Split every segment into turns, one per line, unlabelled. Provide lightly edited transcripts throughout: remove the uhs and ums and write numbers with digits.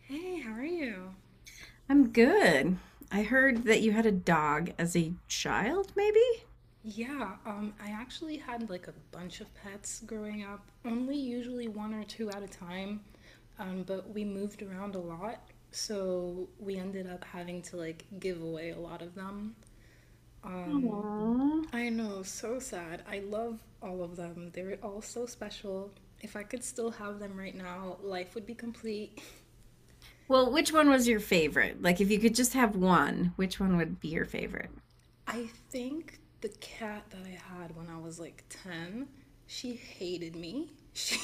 Hey, how are you?
I'm good. I heard that you had a dog as a child, maybe?
Yeah, I actually had like a bunch of pets growing up, only usually one or two at a time. But we moved around a lot, so we ended up having to like give away a lot of them.
Aww.
I know, so sad. I love all of them. They were all so special. If I could still have them right now, life would be complete.
Well, which one was your favorite? Like, if you could just have one, which one would be your favorite?
I think the cat that I had when I was like 10, she hated me. She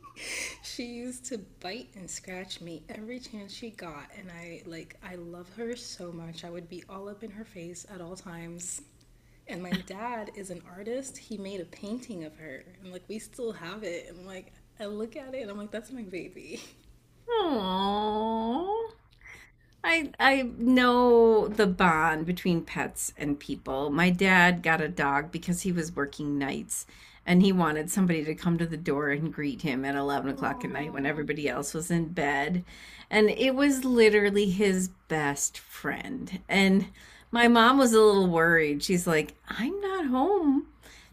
she used to bite and scratch me every chance she got, and I love her so much. I would be all up in her face at all times. And my dad is an artist. He made a painting of her. And like we still have it. And like I look at it and I'm like, that's my baby.
Aww. I know the bond between pets and people. My dad got a dog because he was working nights and he wanted somebody to come to the door and greet him at 11 o'clock at night when
Aww.
everybody else was in bed. And it was literally his best friend. And my mom was a little worried. She's like, I'm not home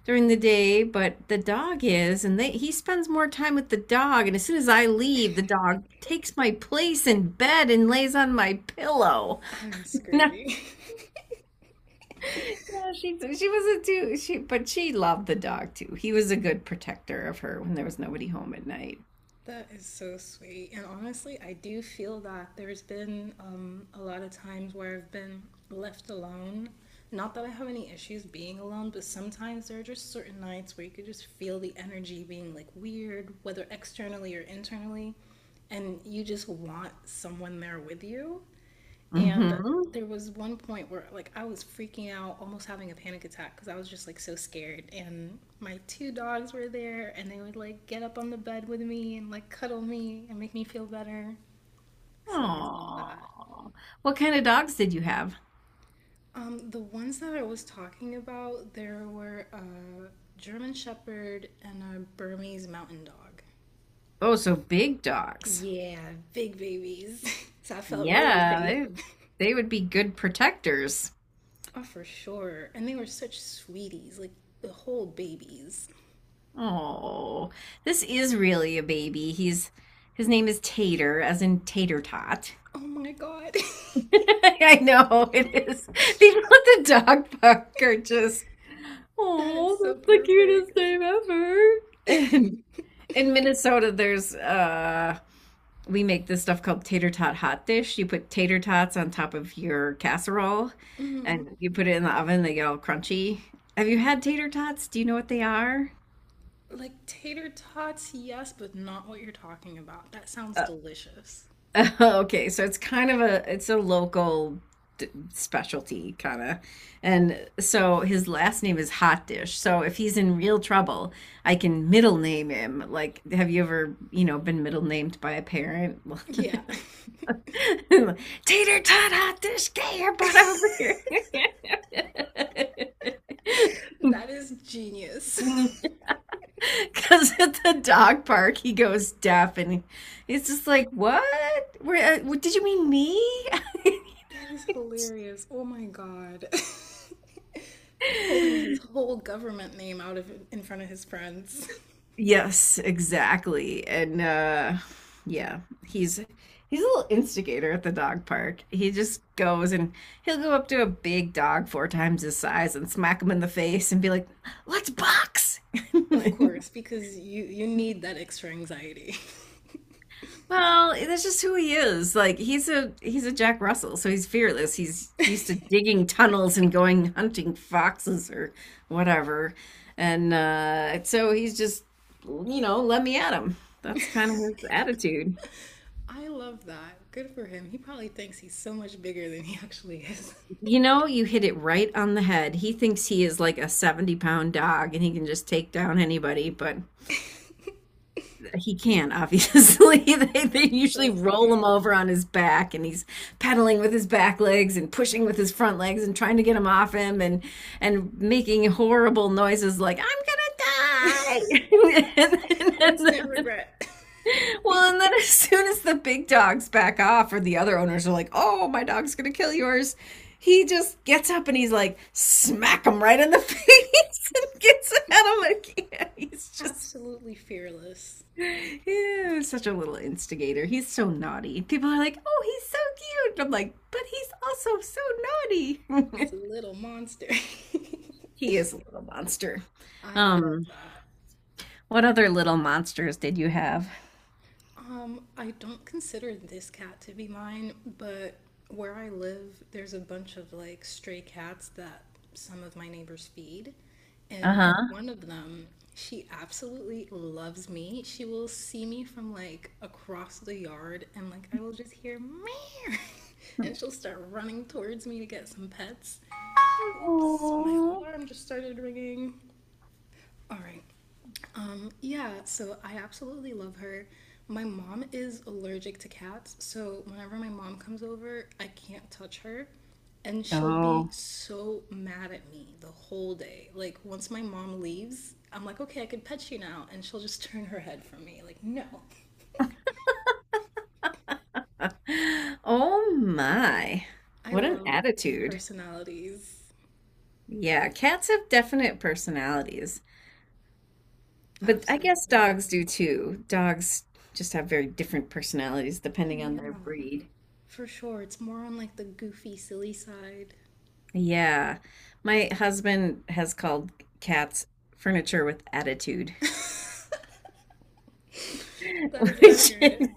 during the day, but the dog is, and he spends more time with the dog. And as soon as I leave, the dog takes my place in bed and lays on my pillow.
I'm
No,
screaming.
no, she wasn't but she loved the dog too. He was a good protector of her when there was nobody home at night.
That is so sweet. And honestly, I do feel that there's been a lot of times where I've been left alone. Not that I have any issues being alone, but sometimes there are just certain nights where you could just feel the energy being like weird, whether externally or internally, and you just want someone there with you. And
Mm-hmm.
there was one point where like I was freaking out, almost having a panic attack because I was just like so scared. And my two dogs were there and they would like get up on the bed with me and like cuddle me and make me feel better. So I love that.
Aww. What kind of dogs did you have?
The ones that I was talking about, there were a German Shepherd and a Burmese Mountain Dog.
Oh, so big dogs.
Yeah, big babies. So I felt really
Yeah,
safe.
they would be good protectors.
Oh, for sure. And they were such sweeties, like the whole babies.
Oh, this is really a baby. He's His name is Tater, as in Tater Tot.
Oh my god.
I know it is. These at the dog park are just
That
oh,
is so
that's the cutest
perfect.
name ever. And in Minnesota, there's we make this stuff called tater tot hot dish. You put tater tots on top of your casserole, and
Mhm.
you put it in the oven. They get all crunchy. Have you had tater tots? Do you know what they are?
Like tater tots, yes, but not what you're talking about. That sounds delicious.
Okay, so it's kind of a it's a local specialty kind of. And so his last name is Hot Dish. So if he's in real trouble, I can middle name him. Like, have you ever, you know, been middle named by a parent?
Yeah.
Tater tot hot dish, get your butt over here.
That is genius.
Because at the dog park, he goes deaf and he's just like, what? What did you mean me?
That is hilarious. Oh my god. Pulling his whole government name out of in front of his friends.
Yes, exactly. And Yeah, he's he's a little instigator at the dog park. He just goes and He'll go up to a big dog four times his size and smack him in the face and be like, "Let's box."
Of course, because you need that extra anxiety.
Well, that's just who he is. Like he's a Jack Russell, so he's fearless. He's used to digging tunnels and going hunting foxes or whatever. And so he's just you know, let me at him. That's kind of his attitude.
I love that. Good for him. He probably thinks he's so much bigger than he actually is.
You know, you hit it right on the head. He thinks he is like a 70-pound dog and he can just take down anybody, but he can, obviously. They
That's
usually
so
roll him
funny.
over on his back, and he's pedaling with his back legs and pushing with his front legs and trying to get him off him and making horrible noises like "I'm gonna die."
Instant
Then,
regret.
well, and then as soon as the big dogs back off, or the other owners are like, "Oh, my dog's gonna kill yours," he just gets up and he's like, smack him right in the face and gets at him again. He's just
Absolutely fearless.
yeah, such a little instigator. He's so naughty. People are like, oh, he's so cute. I'm like, but he's also so naughty.
She's a little monster.
He is a little monster.
I love
Um,
that.
what other little monsters did you have?
I don't consider this cat to be mine, but where I live, there's a bunch of like stray cats that some of my neighbors feed. And
Uh-huh.
one of them, she absolutely loves me. She will see me from like across the yard and like I will just hear meow. And she'll start running towards me to get some pets. Oops, my
Oh.
alarm just started ringing. All right, yeah, so I absolutely love her. My mom is allergic to cats, so whenever my mom comes over, I can't touch her, and she'll be
Oh.
so mad at me the whole day. Like, once my mom leaves, I'm like, okay, I can pet you now, and she'll just turn her head from me. Like, no.
Oh my.
I
What an
love
attitude.
personalities.
Yeah, cats have definite personalities, but I guess
Absolutely.
dogs do too. Dogs just have very different personalities depending on their
Yeah,
breed.
for sure. It's more on like the goofy, silly side.
Yeah. My husband has called cats furniture with attitude,
That is
which
accurate.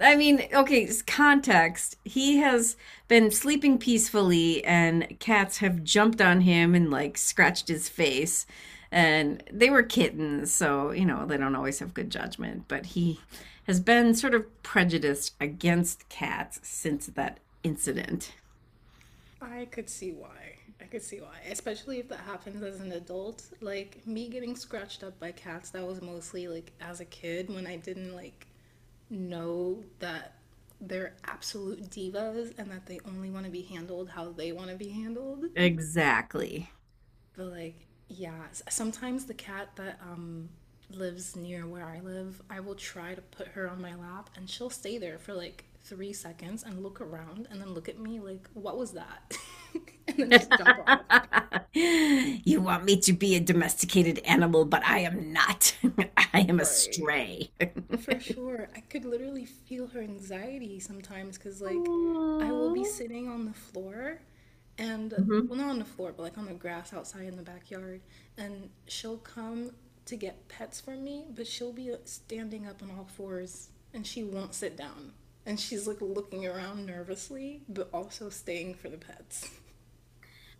I mean, okay, context. He has been sleeping peacefully and cats have jumped on him and like scratched his face. And they were kittens, so, you know, they don't always have good judgment, but he has been sort of prejudiced against cats since that incident.
I could see why. I could see why. Especially if that happens as an adult. Like me getting scratched up by cats, that was mostly like as a kid when I didn't like know that they're absolute divas and that they only want to be handled how they want to be handled.
Exactly.
But like, yeah, sometimes the cat that lives near where I live, I will try to put her on my lap and she'll stay there for like 3 seconds and look around and then look at me like, "What was that?" And then just jump off.
You want me to be a domesticated animal, but I am not. I am a
Right.
stray.
For sure. I could literally feel her anxiety sometimes because, like, I will be
Aw.
sitting on the floor and,
Mhm.
well, not on the floor, but like on the grass outside in the backyard. And she'll come to get pets from me, but she'll be standing up on all fours and she won't sit down. And she's like looking around nervously, but also staying for the pets.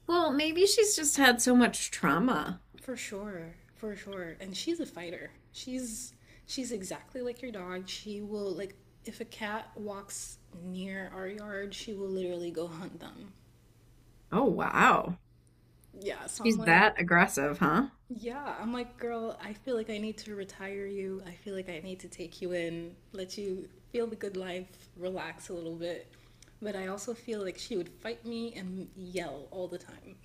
Well, maybe she's just had so much trauma.
For sure, for sure. And she's a fighter. She's exactly like your dog. She will like if a cat walks near our yard, she will literally go hunt them.
Oh, wow.
Yeah, so I'm
She's
like,
that aggressive, huh?
yeah, I'm like, girl, I feel like I need to retire you. I feel like I need to take you in, let you feel the good life, relax a little bit. But I also feel like she would fight me and yell all the time.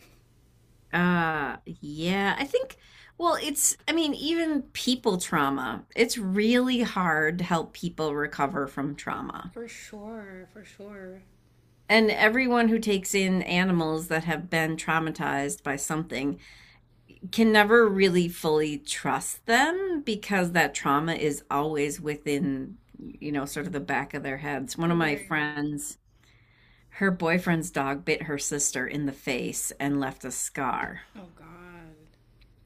Uh, yeah, I think, well, I mean, even people trauma, it's really hard to help people recover from trauma.
For sure, for sure.
And everyone who takes in animals that have been traumatized by something can never really fully trust them because that trauma is always within, you know, sort of the back of their heads. One of my
Right.
friends, her boyfriend's dog bit her sister in the face and left a scar.
Oh God.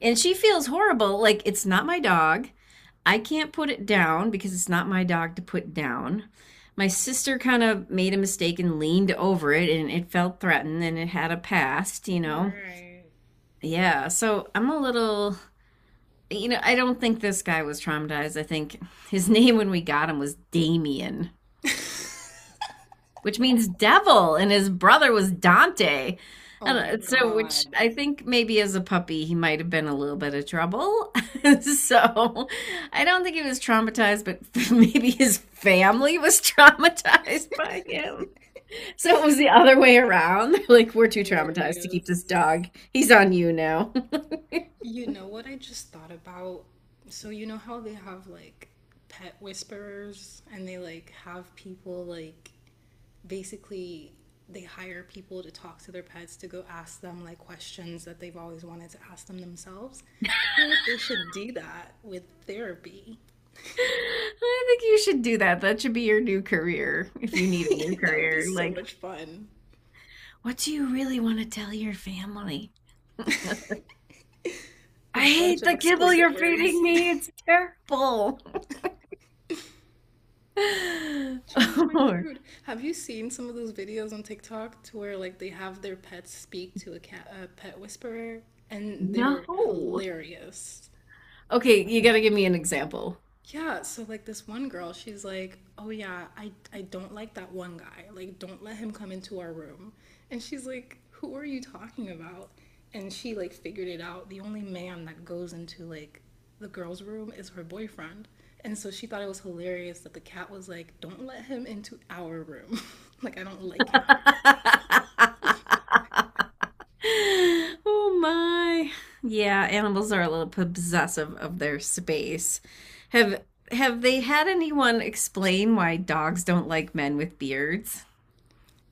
And she feels horrible. Like, it's not my dog. I can't put it down because it's not my dog to put down. My sister kind of made a mistake and leaned over it and it felt threatened and it had a past, you know.
Right.
Yeah, so I'm a little you know, I don't think this guy was traumatized. I think his name when we got him was Damien, which means devil, and his brother was Dante. I
Oh my
don't- So, Which
God.
I think maybe as a puppy, he might have been a little bit of trouble. So, I don't think he was traumatized, but maybe his family was traumatized by him. So, it was the other way around. Like, we're too traumatized to keep this
Hilarious.
dog. He's on you now.
You know what I just thought about? So you know how they have like pet whisperers and they like have people like basically they hire people to talk to their pets to go ask them like questions that they've always wanted to ask them themselves. I feel like they should do that with therapy.
I think you should do that. That should be your new career if you need a new
That would be
career.
so
Like,
much fun.
what do you really want to tell your family?
A
I
bunch
hate
of
the kibble
explicit
you're feeding
words.
me. It's terrible.
Change my
Or,
food. Have you seen some of those videos on TikTok to where like they have their pets speak to a cat, a pet whisperer, and they're
no.
hilarious.
Okay, you got to give me an example.
Yeah, so like this one girl, she's like, "Oh yeah, I don't like that one guy. Like don't let him come into our room." And she's like, "Who are you talking about?" And she like figured it out. The only man that goes into like the girl's room is her boyfriend. And so she thought it was hilarious that the cat was like, "Don't let him into our room. Like I don't like him."
oh my. Yeah, animals are a little possessive of their space. Have have they had anyone explain why dogs don't like men with beards?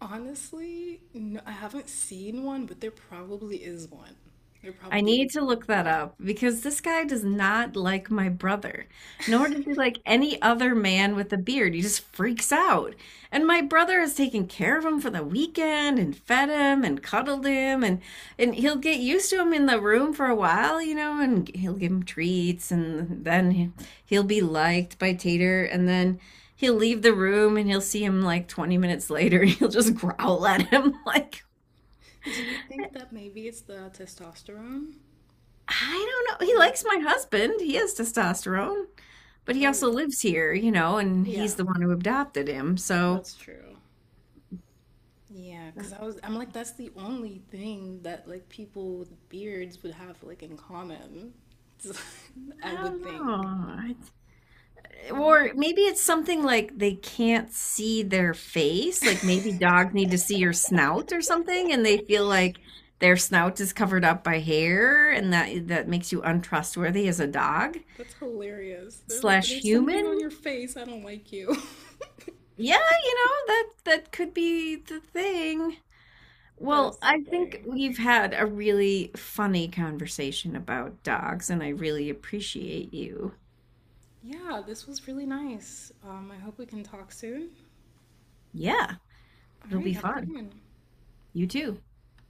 Honestly, no, I haven't seen one, but there probably is one. There
I
probably
need
is
to look
one.
that up because this guy does not like my brother, nor does he like any other man with a beard. He just freaks out. And my brother has taken care of him for the weekend and fed him and cuddled him and he'll get used to him in the room for a while, you know, and he'll give him treats and then will be liked by Tater and then he'll leave the room and he'll see him like 20 minutes later and he'll just growl at him like
Do you think that maybe it's the testosterone?
I don't know. He
Like,
likes my husband. He has testosterone, but he
like,
also lives here, you know, and
yeah,
he's the one who adopted him. So
that's true. Yeah, because I'm like, that's the only thing that like people with beards would have like in common.
I
I
don't
would
know.
think.
I-
Well,
Or maybe it's something like they can't see their face. Like maybe dogs need to see your snout or something, and they feel like their snout is covered up by hair, and that makes you untrustworthy as a dog
that's hilarious. They're like,
slash
there's something on
human.
your face. I don't like you.
Yeah, you know, that could be the thing.
That is
Well,
so
I think
funny.
we've had a really funny conversation about dogs, and I really appreciate you.
Yeah, this was really nice. I hope we can talk soon.
Yeah,
All
it'll
right,
be
have a good
fun.
one.
You too.